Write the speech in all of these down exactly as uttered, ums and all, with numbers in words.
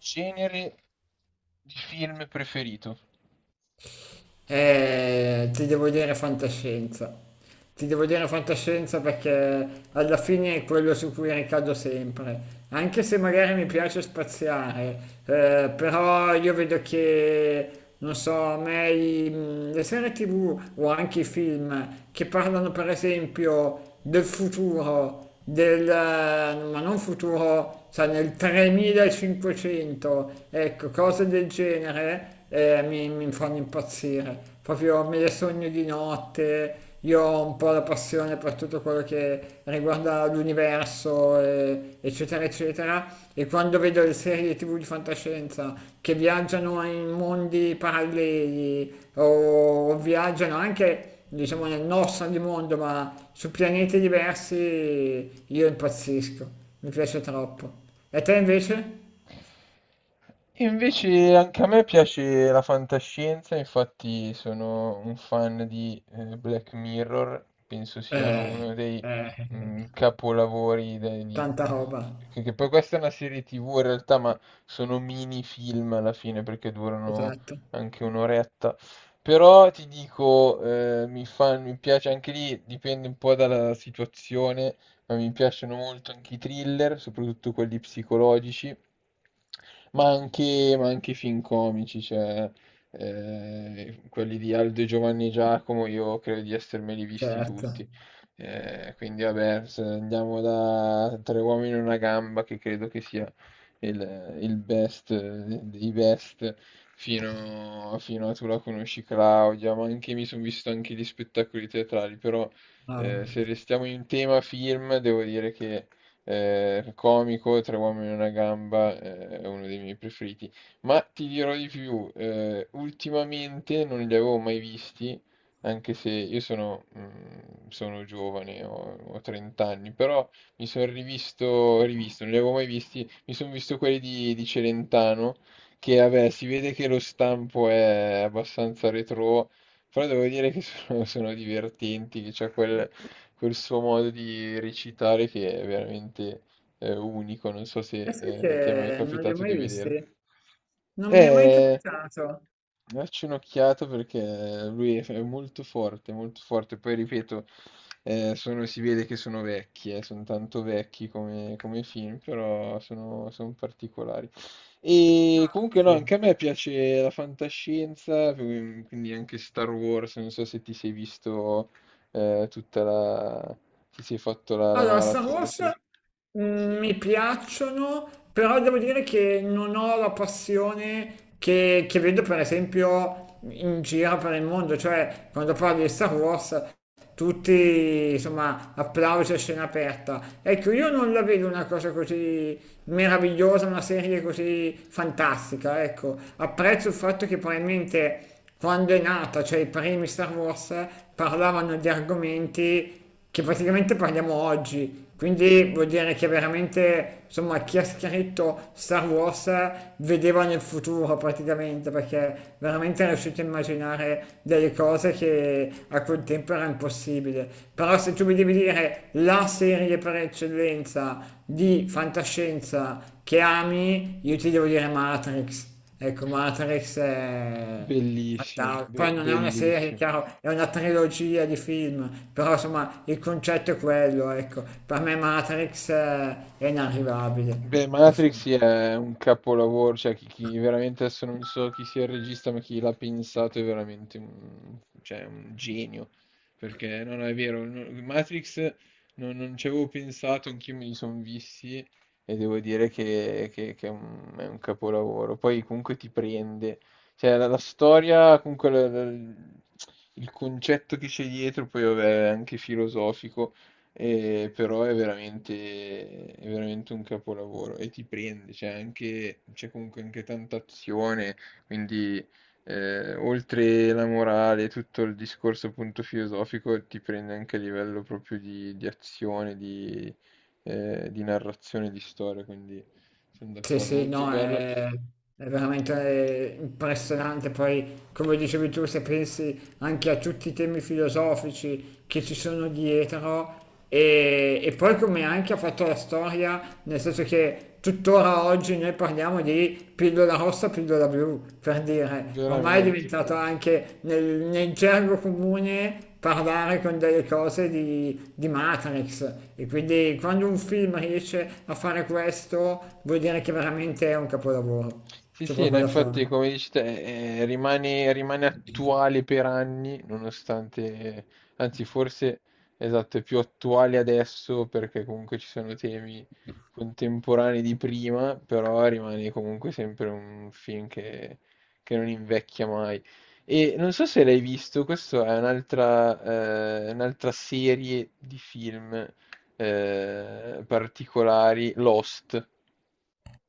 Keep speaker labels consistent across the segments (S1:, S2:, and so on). S1: Genere di film preferito?
S2: Eh, ti devo dire fantascienza. Ti devo dire fantascienza perché alla fine è quello su cui ricado sempre. Anche se magari mi piace spaziare, eh, però io vedo che, non so, a me i- mh, le serie T V o anche i film che parlano per esempio del futuro del, ma non futuro, cioè nel tremilacinquecento, ecco, cose del genere eh, mi, mi fanno impazzire, proprio me le sogno di notte. Io ho un po' la passione per tutto quello che riguarda l'universo, eh, eccetera, eccetera, e quando vedo le serie T V di fantascienza che viaggiano in mondi paralleli o, o viaggiano anche diciamo nel nostro di mondo, ma su pianeti diversi io impazzisco, mi piace troppo. E te invece?
S1: E invece anche a me piace la fantascienza, infatti sono un fan di eh, Black Mirror, penso sia
S2: Eh,
S1: uno dei
S2: eh,
S1: mm, capolavori de- di-
S2: tanta roba,
S1: di- che che poi questa è una serie T V in realtà, ma sono mini film alla fine perché durano
S2: esatto,
S1: anche un'oretta. Però ti dico, eh, mi fa- mi piace anche lì, dipende un po' dalla situazione, ma mi piacciono molto anche i thriller, soprattutto quelli psicologici, ma anche, ma anche i film comici, cioè eh, quelli di Aldo e Giovanni Giacomo, io credo di essermeli visti
S2: certo.
S1: tutti. Eh, quindi vabbè, se andiamo da Tre uomini e una gamba, che credo che sia il, il best eh, dei best, fino, fino a Tu la conosci Claudia, ma anche mi sono visto anche gli spettacoli teatrali, però eh, se
S2: Ah.
S1: restiamo in tema film, devo dire che eh, il comico Tre uomini e una gamba eh, è uno dei miei preferiti. Ma ti dirò di più, eh, ultimamente non li avevo mai visti, anche se io sono, mm, sono giovane, ho, ho trenta anni, però mi sono rivisto, rivisto, non li avevo mai visti, mi sono visto quelli di, di Celentano, che vabbè, si vede che lo stampo è abbastanza retro, però devo dire che sono, sono divertenti, che c'è quel, quel suo modo di recitare che è veramente eh, unico. Non so se
S2: E sai
S1: eh, ti è mai
S2: che non li ho
S1: capitato
S2: mai
S1: di
S2: visti?
S1: vedere.
S2: Non mi è mai
S1: Eh,
S2: capitato.
S1: Dacci un'occhiata, perché lui è è molto forte, molto forte. Poi ripeto, eh, sono- si vede che sono vecchi, eh, sono tanto vecchi come, come film, però sono, sono particolari.
S2: No,
S1: E comunque no,
S2: sì.
S1: anche a me piace la fantascienza, mm, quindi anche Star Wars, non so se ti sei visto eh, tutta la. Se sei fatto la, la
S2: Allora, Star
S1: maratona,
S2: Wars
S1: sì.
S2: mm, mi piacciono, però devo dire che non ho la passione che, che vedo per esempio in giro per il mondo, cioè quando parli di Star Wars tutti insomma applausi a scena aperta. Ecco, io non la vedo una cosa così meravigliosa, una serie così fantastica, ecco. Apprezzo il fatto che probabilmente quando è nata, cioè i primi Star Wars, parlavano di argomenti che praticamente parliamo oggi. Quindi vuol dire che veramente, insomma, chi ha scritto Star Wars vedeva nel futuro praticamente, perché veramente è riuscito a immaginare delle cose che a quel tempo era impossibile. Però se tu mi devi dire la serie per eccellenza di fantascienza che ami, io ti devo dire Matrix. Ecco, Matrix è
S1: Bellissimo,
S2: Fanta-
S1: be-
S2: poi non è una serie,
S1: bellissimo.
S2: chiaro, è una trilogia di film, però insomma il concetto è quello, ecco. Per me Matrix eh, è inarrivabile.
S1: Beh,
S2: Per
S1: Matrix
S2: favore.
S1: sì, è un capolavoro, cioè chi, chi veramente adesso non so chi sia il regista, ma chi l'ha pensato è veramente un, cioè, un genio, perché no, no, è vero, no, Matrix non, non ci avevo pensato, anch'io me li sono visti e devo dire che, che- che è un, è un capolavoro, poi comunque ti prende, cioè la, la storia, comunque la- la- il concetto che c'è dietro, poi vabbè, è anche filosofico. E però è veramente, è veramente un capolavoro e ti prende, c'è anche, c'è comunque anche tanta azione, quindi eh, oltre la morale, tutto il discorso appunto filosofico ti prende anche a livello proprio di, di azione, di, eh, di narrazione, di storia, quindi sono
S2: Sì,
S1: d'accordo,
S2: sì,
S1: molto
S2: no,
S1: bello,
S2: è, è veramente eh, impressionante. Poi, come dicevi tu, se pensi anche a tutti i temi filosofici che ci sono dietro e, e poi come anche ha fatto la storia, nel senso che tuttora oggi noi parliamo di pillola rossa, pillola blu, per dire, ormai è
S1: veramente.
S2: diventato anche nel, nel gergo comune parlare con delle cose di, di Matrix e quindi quando un film riesce a fare questo vuol dire che veramente è un capolavoro,
S1: Sì,
S2: c'è
S1: sì, no,
S2: proprio da fare.
S1: infatti come dici te, eh, rimane, rimane attuale per anni, nonostante, anzi forse, esatto, è più attuale adesso perché comunque ci sono temi contemporanei di prima, però rimane comunque sempre un film che, che non invecchia mai. E non so se l'hai visto, questa è un'altra eh, un'altra serie di film eh, particolari, Lost.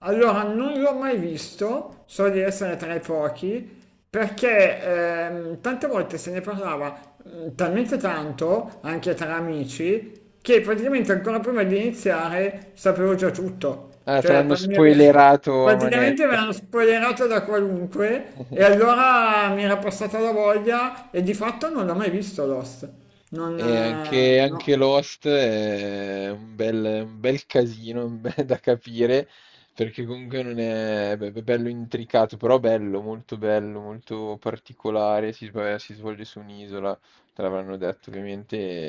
S2: Allora, non l'ho mai visto, so di essere tra i pochi, perché ehm, tante volte se ne parlava mm, talmente tanto, anche tra amici, che praticamente ancora prima di iniziare sapevo già tutto.
S1: Ah, te
S2: Cioè,
S1: l'hanno
S2: pra- mi ave-
S1: spoilerato a
S2: praticamente mi
S1: manetta.
S2: hanno spoilerato da qualunque e allora mi era passata la voglia e di fatto non l'ho mai visto Lost. Non...
S1: E
S2: eh,
S1: anche,
S2: no.
S1: anche Lost è un bel, un bel casino, un bel- da capire, perché comunque non è, beh, è bello intricato, però bello, molto bello, molto particolare. Si, sv- si svolge su un'isola, te l'avranno detto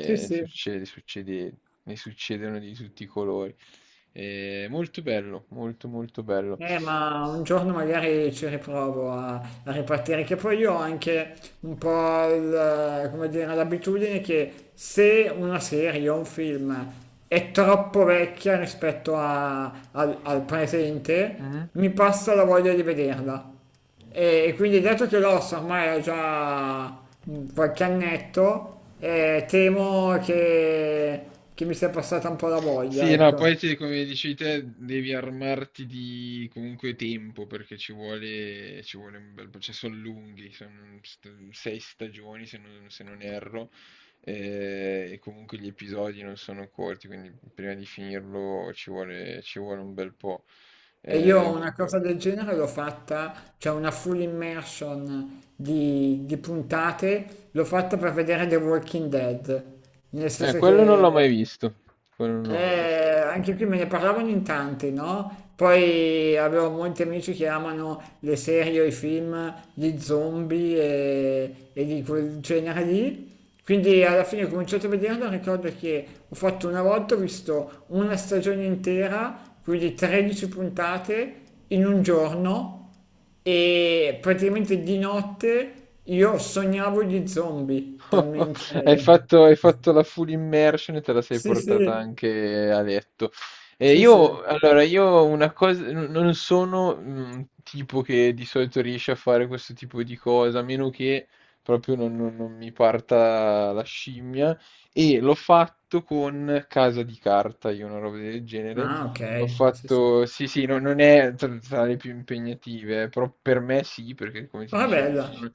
S2: Sì,
S1: e
S2: sì.
S1: succede, succede, ne succedono di tutti i colori. È molto bello, molto molto bello.
S2: Eh, ma un giorno magari ci riprovo a, a ripartire, che poi io ho anche un po' il, come dire, l'abitudine che se una serie o un film è troppo vecchia rispetto a- al, al presente,
S1: Mhm.
S2: mi passa la voglia di vederla. E, e quindi dato che l'Ossa ormai ha già qualche annetto, eh, temo che, che mi sia passata un po' la voglia,
S1: Sì, no,
S2: ecco.
S1: poi ti- come dici te, devi armarti di comunque tempo perché ci vuole, ci vuole un bel po', cioè sono lunghi, sono st- sei stagioni se non, se non erro, eh, e comunque gli episodi non sono corti, quindi prima di finirlo ci vuole, ci vuole un bel po'.
S2: E io
S1: Eh,
S2: una
S1: per-
S2: cosa del genere l'ho fatta, cioè una full immersion di, di puntate, l'ho fatta per vedere The Walking Dead, nel
S1: eh,
S2: senso
S1: quello non l'ho mai
S2: che
S1: visto, quello non l'ho mai visto.
S2: eh, anche qui me ne parlavano in tanti, no? Poi avevo molti amici che amano le serie o i film di zombie e, e di quel genere lì. Quindi alla fine ho cominciato a vederlo, ricordo che ho fatto una volta, ho visto una stagione intera, quindi tredici puntate in un giorno e praticamente di notte io sognavo gli zombie,
S1: Hai
S2: talmente...
S1: fatto, hai fatto la full immersion e te la sei
S2: Sì, sì,
S1: portata anche a letto. E
S2: sì, sì.
S1: io, allora, io una cosa, n- non sono un tipo che di solito riesce a fare questo tipo di cosa, a meno che proprio non, non- non mi parta la scimmia. E l'ho fatto con Casa di Carta, io, una roba del genere.
S2: Ah, ok.
S1: Ho
S2: Sì, sì.
S1: fatto, sì, sì, no- non è tra tra le più impegnative, però per me sì, perché come ti
S2: Ah,
S1: dicevo, non
S2: bella.
S1: sono-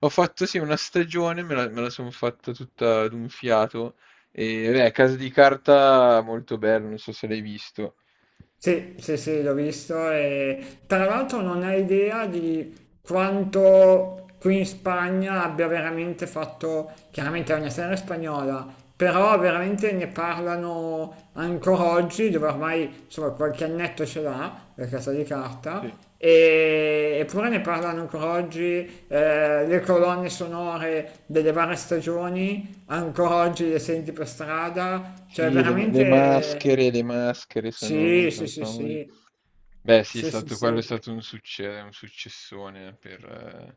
S1: ho fatto sì una stagione, me la, me la sono fatta tutta d'un fiato, e beh, Casa di Carta, molto bello, non so se l'hai visto.
S2: Sì, sì, sì, l'ho visto e tra l'altro non hai idea di quanto qui in Spagna abbia veramente fatto, chiaramente è una serie spagnola, però veramente ne parlano ancora oggi, dove ormai insomma qualche annetto ce l'ha, la casa di carta,
S1: Sì.
S2: e- eppure ne parlano ancora oggi, eh, le colonne sonore delle varie stagioni, ancora oggi le senti per strada, cioè
S1: Sì, le, le
S2: veramente...
S1: maschere, le maschere sono,
S2: Sì, sì,
S1: sono
S2: sì,
S1: famose.
S2: sì.
S1: Beh, sì, è
S2: Sì, sì,
S1: stato, quello è
S2: sì.
S1: stato un succe- un successone per, eh,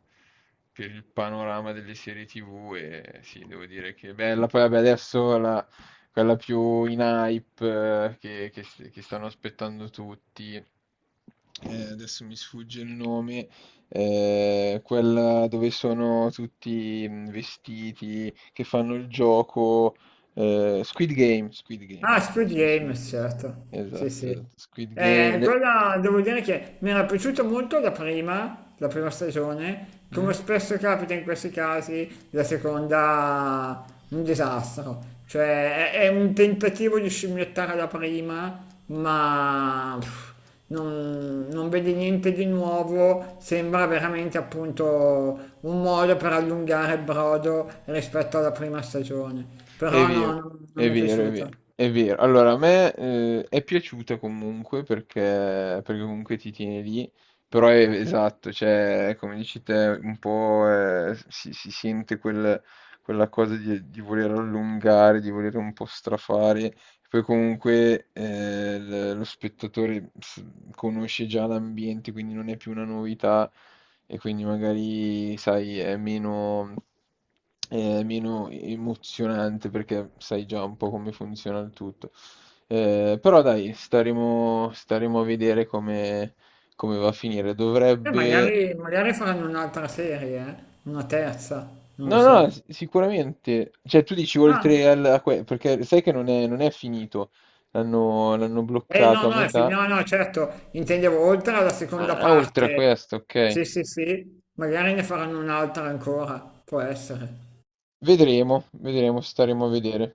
S1: per il panorama delle serie T V, e sì, devo dire che è bella. Poi vabbè, adesso la- quella più in hype, eh, che, che s- che stanno aspettando tutti, eh, adesso mi sfugge il nome, eh, quella dove sono tutti mm, vestiti, che fanno il gioco, eh, Squid Game, Squid Game,
S2: Ah,
S1: ecco,
S2: Squid
S1: sì,
S2: Game,
S1: sì.
S2: certo. Sì, sì.
S1: Esatto, esatto, Squid Game.
S2: Eh,
S1: le-
S2: quella devo dire che mi era piaciuta molto la prima, la prima stagione.
S1: Mm?
S2: Come spesso capita in questi casi, la seconda un disastro. Cioè, è, è un tentativo di scimmiottare la prima, ma pff, non, non vedi niente di nuovo. Sembra veramente appunto un modo per allungare il brodo rispetto alla prima stagione.
S1: È
S2: Però no,
S1: vero,
S2: non non
S1: è
S2: mi è
S1: vero, è vero,
S2: piaciuta.
S1: è vero. Allora, a me eh, è piaciuta comunque, perché, perché comunque ti tiene lì, però è, esatto, cioè, come dici te, un po' eh, si, si sente quel- quella cosa di, di voler allungare, di voler un po' strafare, poi comunque eh, l- lo spettatore s- conosce già l'ambiente, quindi non è più una novità e quindi magari, sai, è meno, è meno emozionante, perché sai già un po' come funziona il tutto. Eh, però dai, staremo, staremo a vedere come, come va a finire.
S2: E
S1: Dovrebbe.
S2: magari, magari faranno un'altra serie, eh? Una terza, non lo
S1: No, no,
S2: so.
S1: s- sicuramente. Cioè, tu dici
S2: Ah,
S1: oltre al... a que- perché sai che non è non è finito. L'hanno l'hanno
S2: eh no,
S1: bloccato a
S2: no, è fin-
S1: metà.
S2: no, no, certo, intendevo oltre alla seconda
S1: Ah, oltre a
S2: parte.
S1: questo, ok.
S2: Sì, sì, sì, magari ne faranno un'altra ancora, può essere.
S1: Vedremo, vedremo, staremo a vedere.